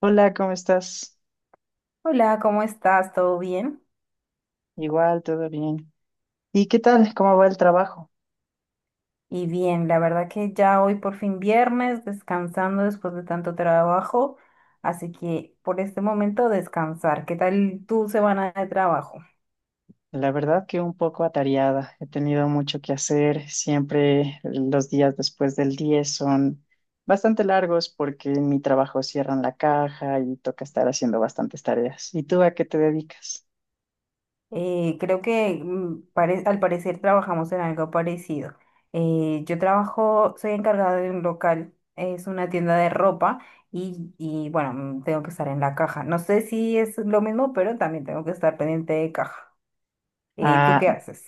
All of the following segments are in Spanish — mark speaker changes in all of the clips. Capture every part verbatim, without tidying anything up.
Speaker 1: Hola, ¿cómo estás?
Speaker 2: Hola, ¿cómo estás? ¿Todo bien?
Speaker 1: Igual, todo bien. ¿Y qué tal? ¿Cómo va el trabajo?
Speaker 2: Y bien, la verdad que ya hoy por fin viernes, descansando después de tanto trabajo, así que por este momento descansar. ¿Qué tal tu semana de trabajo?
Speaker 1: La verdad que un poco atareada. He tenido mucho que hacer. Siempre los días después del diez son bastante largos porque en mi trabajo cierran la caja y toca estar haciendo bastantes tareas. ¿Y tú a qué te dedicas?
Speaker 2: Eh, creo que mm, pare- al parecer trabajamos en algo parecido. Eh, yo trabajo, soy encargada de un local, es una tienda de ropa y, y bueno, mm, tengo que estar en la caja. No sé si es lo mismo, pero también tengo que estar pendiente de caja. Eh, ¿tú
Speaker 1: ¿A
Speaker 2: qué haces?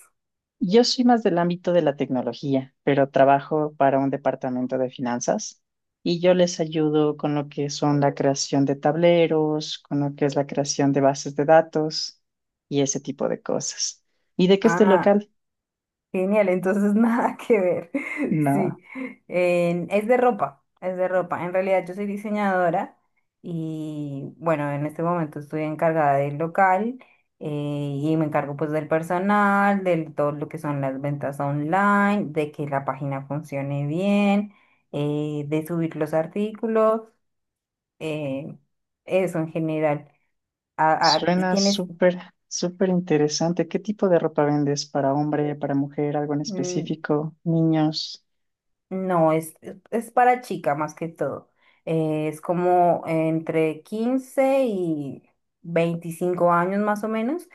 Speaker 1: Yo soy más del ámbito de la tecnología, pero trabajo para un departamento de finanzas y yo les ayudo con lo que son la creación de tableros, con lo que es la creación de bases de datos y ese tipo de cosas. ¿Y de qué es tu
Speaker 2: Ah.
Speaker 1: local?
Speaker 2: Genial, entonces nada que ver.
Speaker 1: No,
Speaker 2: Sí, En- es de ropa, es de ropa. En realidad yo soy diseñadora y bueno, en este momento estoy encargada del local, eh, y me encargo pues del personal, de todo lo que son las ventas online, de que la página funcione bien, eh, de subir los artículos, eh, eso en general. A- a- ¿y
Speaker 1: suena
Speaker 2: tienes,
Speaker 1: súper, súper interesante. ¿Qué tipo de ropa vendes para hombre, para mujer, algo en
Speaker 2: mm,
Speaker 1: específico, niños?
Speaker 2: no, es, es para chica más que todo. Eh, es como entre quince y veinticinco años más o menos.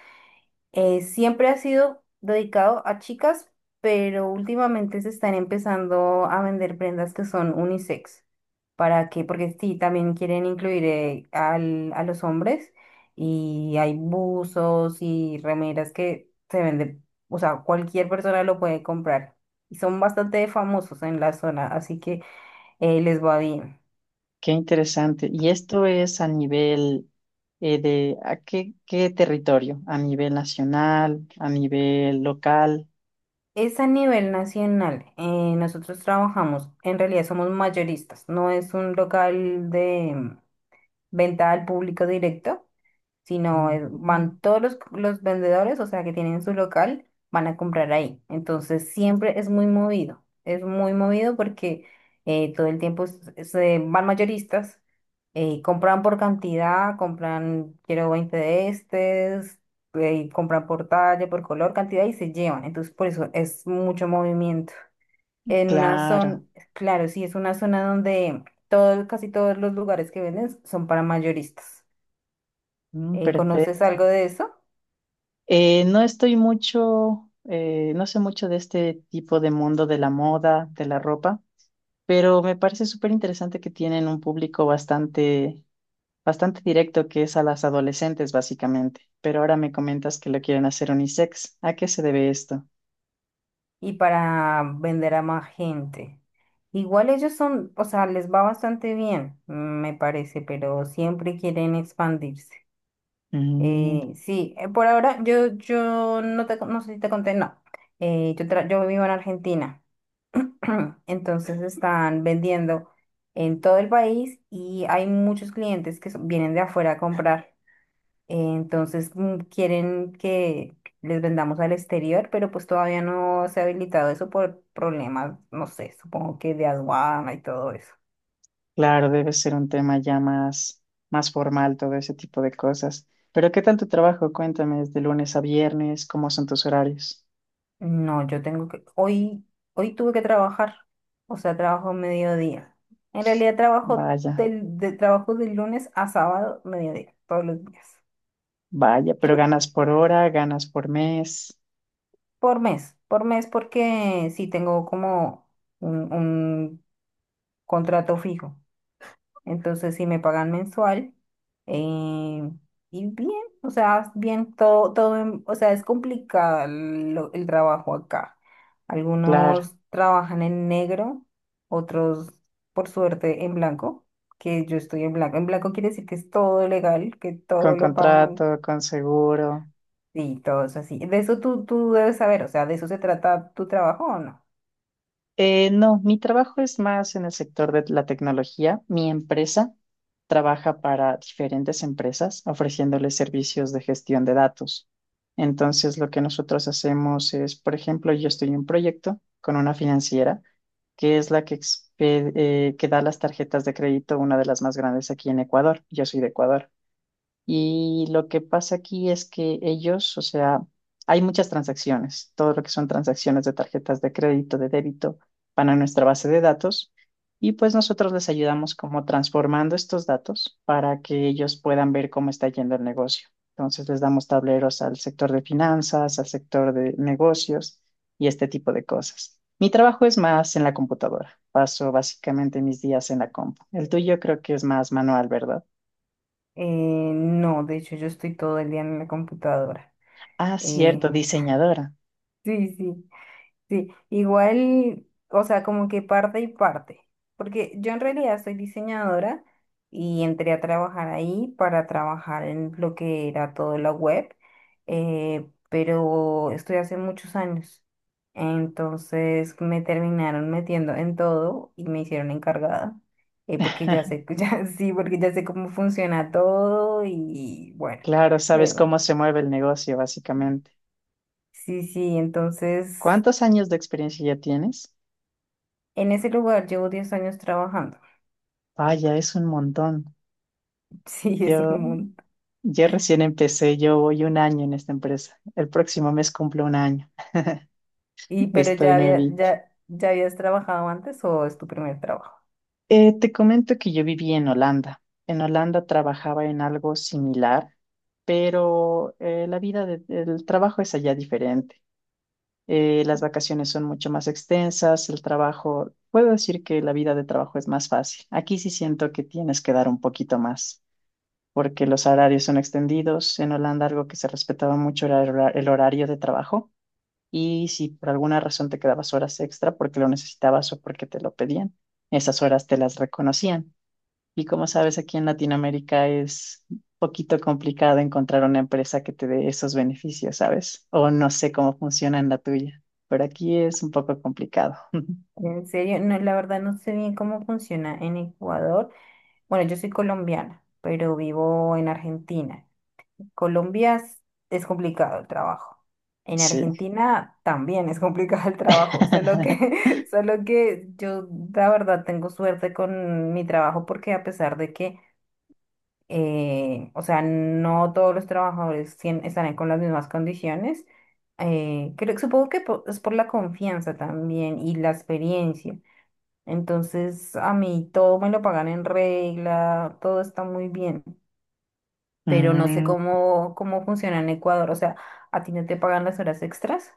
Speaker 2: Eh, siempre ha sido dedicado a chicas, pero últimamente se están empezando a vender prendas que son unisex. ¿Para qué? Porque sí, también quieren incluir eh, al- a los hombres, y hay buzos y remeras que se venden, o sea, cualquier persona lo puede comprar. Y son bastante famosos en la zona, así que eh, les va bien.
Speaker 1: Qué interesante. ¿Y esto es a nivel eh, de a qué, qué territorio? ¿A nivel nacional? ¿A nivel local?
Speaker 2: Es a nivel nacional. eh, nosotros trabajamos, en realidad somos mayoristas, no es un local de venta al público directo, sino es-
Speaker 1: Mm.
Speaker 2: van todos los, los vendedores, o sea, que tienen su local, van a comprar ahí. Entonces siempre es muy movido, es muy movido porque eh, todo el tiempo s- se van mayoristas, eh, compran por cantidad, compran, quiero veinte de estes, eh, compran por talla, por color, cantidad y se llevan. Entonces por eso es mucho movimiento. En una zona,
Speaker 1: Claro.
Speaker 2: claro, sí, es una zona donde todo, casi todos los lugares que venden son para mayoristas.
Speaker 1: Mm,
Speaker 2: Eh, ¿conoces
Speaker 1: perfecto.
Speaker 2: algo de eso?
Speaker 1: Eh, no estoy mucho, eh, no sé mucho de este tipo de mundo de la moda, de la ropa, pero me parece súper interesante que tienen un público bastante, bastante directo que es a las adolescentes, básicamente. Pero ahora me comentas que lo quieren hacer unisex. ¿A qué se debe esto?
Speaker 2: Y para vender a más gente. Igual ellos son, o sea, les va bastante bien, me parece, pero siempre quieren expandirse. Eh, sí, eh, por ahora yo, yo no te, no sé si te conté, no. Eh, yo, tra- yo vivo en Argentina. Entonces están vendiendo en todo el país y hay muchos clientes que son- vienen de afuera a comprar. Eh, Entonces mm, quieren que les vendamos al exterior, pero pues todavía no se ha habilitado eso por problemas, no sé, supongo que de aduana y todo eso.
Speaker 1: Claro, debe ser un tema ya más, más formal, todo ese tipo de cosas. Pero ¿qué tal tu trabajo? Cuéntame, ¿es de lunes a viernes? ¿Cómo son tus horarios?
Speaker 2: No, yo tengo que, hoy, hoy tuve que trabajar, o sea, trabajo mediodía. En realidad trabajo
Speaker 1: Vaya,
Speaker 2: del, de, trabajo de lunes a sábado, mediodía, todos los días.
Speaker 1: vaya, pero ganas por hora, ganas por mes,
Speaker 2: Por mes, por mes, porque sí tengo como un, un contrato fijo. Entonces, si me pagan mensual. eh, y bien, o sea, bien, todo, todo, en- o sea, es complicado el, lo- el trabajo acá.
Speaker 1: claro,
Speaker 2: Algunos trabajan en negro, otros, por suerte, en blanco, que yo estoy en blanco. En blanco quiere decir que es todo legal, que
Speaker 1: con
Speaker 2: todo lo pagan.
Speaker 1: contrato, con seguro.
Speaker 2: Sí, todo es así. De eso tú, tú debes saber, o sea, ¿de eso se trata tu trabajo o no?
Speaker 1: Eh, no, mi trabajo es más en el sector de la tecnología. Mi empresa trabaja para diferentes empresas ofreciéndoles servicios de gestión de datos. Entonces, lo que nosotros hacemos es, por ejemplo, yo estoy en un proyecto con una financiera que es la que, expe- eh, que da las tarjetas de crédito, una de las más grandes aquí en Ecuador. Yo soy de Ecuador. Y lo que pasa aquí es que ellos, o sea, hay muchas transacciones, todo lo que son transacciones de tarjetas de crédito, de débito, van a nuestra base de datos y pues nosotros les ayudamos como transformando estos datos para que ellos puedan ver cómo está yendo el negocio. Entonces les damos tableros al sector de finanzas, al sector de negocios y este tipo de cosas. Mi trabajo es más en la computadora. Paso básicamente mis días en la compu. El tuyo creo que es más manual, ¿verdad?
Speaker 2: Eh, no, de hecho yo estoy todo el día en la computadora.
Speaker 1: Ah,
Speaker 2: Eh,
Speaker 1: cierto, diseñadora.
Speaker 2: sí, sí. Sí, igual, o sea, como que parte y parte, porque yo en realidad soy diseñadora y entré a trabajar ahí para trabajar en lo que era todo la web, eh, pero estoy hace muchos años, entonces me terminaron metiendo en todo y me hicieron encargada, eh, porque ya sé, ya, sí, porque ya sé cómo funciona todo y bueno,
Speaker 1: Claro, sabes
Speaker 2: pero-
Speaker 1: cómo se mueve el negocio, básicamente.
Speaker 2: sí, sí, entonces
Speaker 1: ¿Cuántos años de experiencia ya tienes?
Speaker 2: en ese lugar llevo diez años trabajando.
Speaker 1: Vaya, es un montón.
Speaker 2: Sí, es
Speaker 1: Yo,
Speaker 2: un mundo.
Speaker 1: yo recién empecé, yo voy un año en esta empresa. El próximo mes cumplo un año.
Speaker 2: Y pero
Speaker 1: Estoy
Speaker 2: ya había,
Speaker 1: nuevita.
Speaker 2: ya, ya habías trabajado antes o es tu primer trabajo?
Speaker 1: Eh, te comento que yo viví en Holanda. En Holanda trabajaba en algo similar, pero eh, la vida de- del trabajo es allá diferente. eh, las vacaciones son mucho más extensas, el trabajo, puedo decir que la vida de trabajo es más fácil. Aquí sí siento que tienes que dar un poquito más, porque los horarios son extendidos. En Holanda algo que se respetaba mucho era el hora- el horario de trabajo y si por alguna razón te quedabas horas extra porque lo necesitabas o porque te lo pedían, esas horas te las reconocían. Y como sabes, aquí en Latinoamérica es un poquito complicado encontrar una empresa que te dé esos beneficios, ¿sabes? O no sé cómo funciona en la tuya, pero aquí es un poco complicado.
Speaker 2: En serio, no, la verdad no sé bien cómo funciona en Ecuador. Bueno, yo soy colombiana, pero vivo en Argentina. Colombia es, es complicado el trabajo. En
Speaker 1: Sí.
Speaker 2: Argentina también es complicado el trabajo, solo que, solo que yo la verdad tengo suerte con mi trabajo porque a pesar de que eh, o sea, no todos los trabajadores tien- estarán con las mismas condiciones. eh, creo, supongo que po- es por la confianza también y la experiencia. Entonces, a mí todo me lo pagan en regla, todo está muy bien, pero no sé
Speaker 1: Mm.
Speaker 2: cómo, cómo funciona en Ecuador. O sea, ¿a ti no te pagan las horas extras?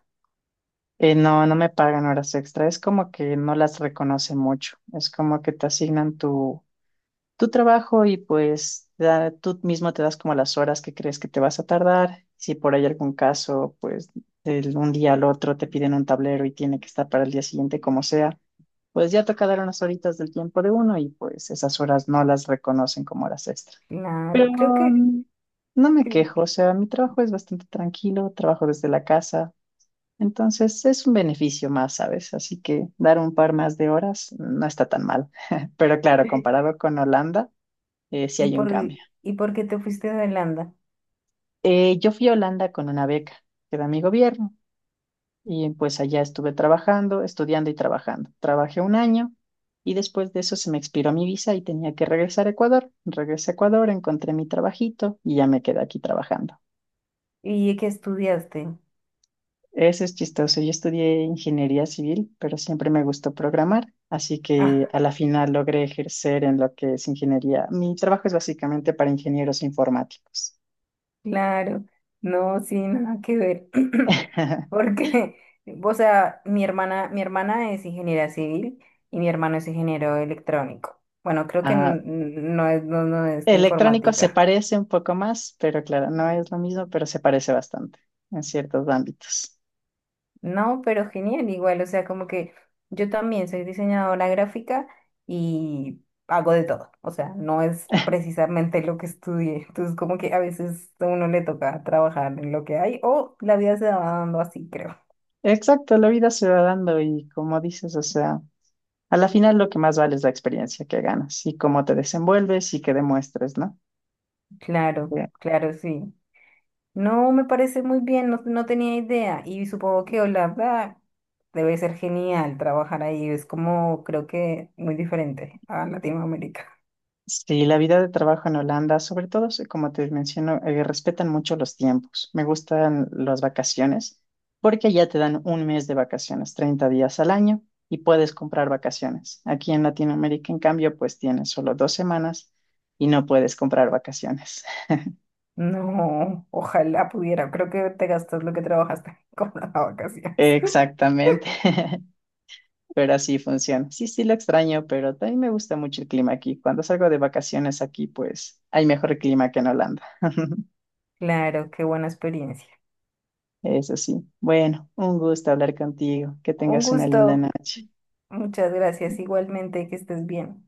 Speaker 1: Eh, no, no me pagan horas extra. Es como que no las reconoce mucho. Es como que te asignan tu tu trabajo y pues da- tú mismo te das como las horas que crees que te vas a tardar. Si por ahí algún caso, pues de un día al otro te piden un tablero y tiene que estar para el día siguiente como sea, pues ya toca dar unas horitas del tiempo de uno y pues esas horas no las reconocen como horas extra. Pero
Speaker 2: Claro, creo que...
Speaker 1: mm, no me
Speaker 2: que-
Speaker 1: quejo, o sea, mi trabajo es bastante tranquilo, trabajo desde la casa. Entonces es un beneficio más, ¿sabes? Así que dar un par más de horas no está tan mal. Pero claro, comparado con Holanda, eh, si
Speaker 2: ¿Y
Speaker 1: hay un
Speaker 2: por,
Speaker 1: cambio.
Speaker 2: y por qué te fuiste a Holanda?
Speaker 1: Eh, yo fui a Holanda con una beca que da mi gobierno y pues allá estuve trabajando, estudiando y trabajando. Trabajé un año y después de eso se me expiró mi visa y tenía que regresar a Ecuador. Regresé a Ecuador, encontré mi trabajito y ya me quedé aquí trabajando.
Speaker 2: ¿Y qué estudiaste?
Speaker 1: Eso es chistoso. Yo estudié ingeniería civil, pero siempre me gustó programar, así que
Speaker 2: Ah,
Speaker 1: a la final logré ejercer en lo que es ingeniería. Mi trabajo es básicamente para ingenieros informáticos.
Speaker 2: claro. No, sí, nada que ver. Porque, o sea, mi hermana, mi hermana es ingeniera civil y mi hermano es ingeniero electrónico. Bueno, creo que n-
Speaker 1: Ah,
Speaker 2: n- no es, no, no es de
Speaker 1: electrónico se
Speaker 2: informática.
Speaker 1: parece un poco más, pero claro, no es lo mismo, pero se parece bastante en ciertos ámbitos.
Speaker 2: No, pero genial, igual, o sea, como que yo también soy diseñadora gráfica y hago de todo. O sea, no es precisamente lo que estudié. Entonces, como que a veces a uno le toca trabajar en lo que hay o la vida se va dando así, creo.
Speaker 1: Exacto, la vida se va dando y como dices, o sea, a la final lo que más vale es la experiencia que ganas y cómo te desenvuelves y que demuestres, ¿no?
Speaker 2: Claro,
Speaker 1: Que
Speaker 2: claro, sí. No, me parece muy bien, no, no tenía idea. Y supongo que Holanda debe ser genial trabajar ahí. Es como, creo que muy diferente a Latinoamérica.
Speaker 1: sí, la vida de trabajo en Holanda, sobre todo, sí, como te menciono, eh, respetan mucho los tiempos. Me gustan las vacaciones porque ya te dan un mes de vacaciones, treinta días al año y puedes comprar vacaciones. Aquí en Latinoamérica, en cambio, pues tienes solo dos semanas y no puedes comprar vacaciones.
Speaker 2: No, ojalá pudiera. Creo que te gastas lo que trabajaste con las vacaciones.
Speaker 1: Exactamente, pero así funciona. Sí, sí, lo extraño, pero también me gusta mucho el clima aquí. Cuando salgo de vacaciones aquí, pues hay mejor clima que en Holanda.
Speaker 2: Claro, qué buena experiencia.
Speaker 1: Eso sí. Bueno, un gusto hablar contigo. Que
Speaker 2: Un
Speaker 1: tengas una linda
Speaker 2: gusto.
Speaker 1: noche.
Speaker 2: Muchas gracias. Igualmente, que estés bien.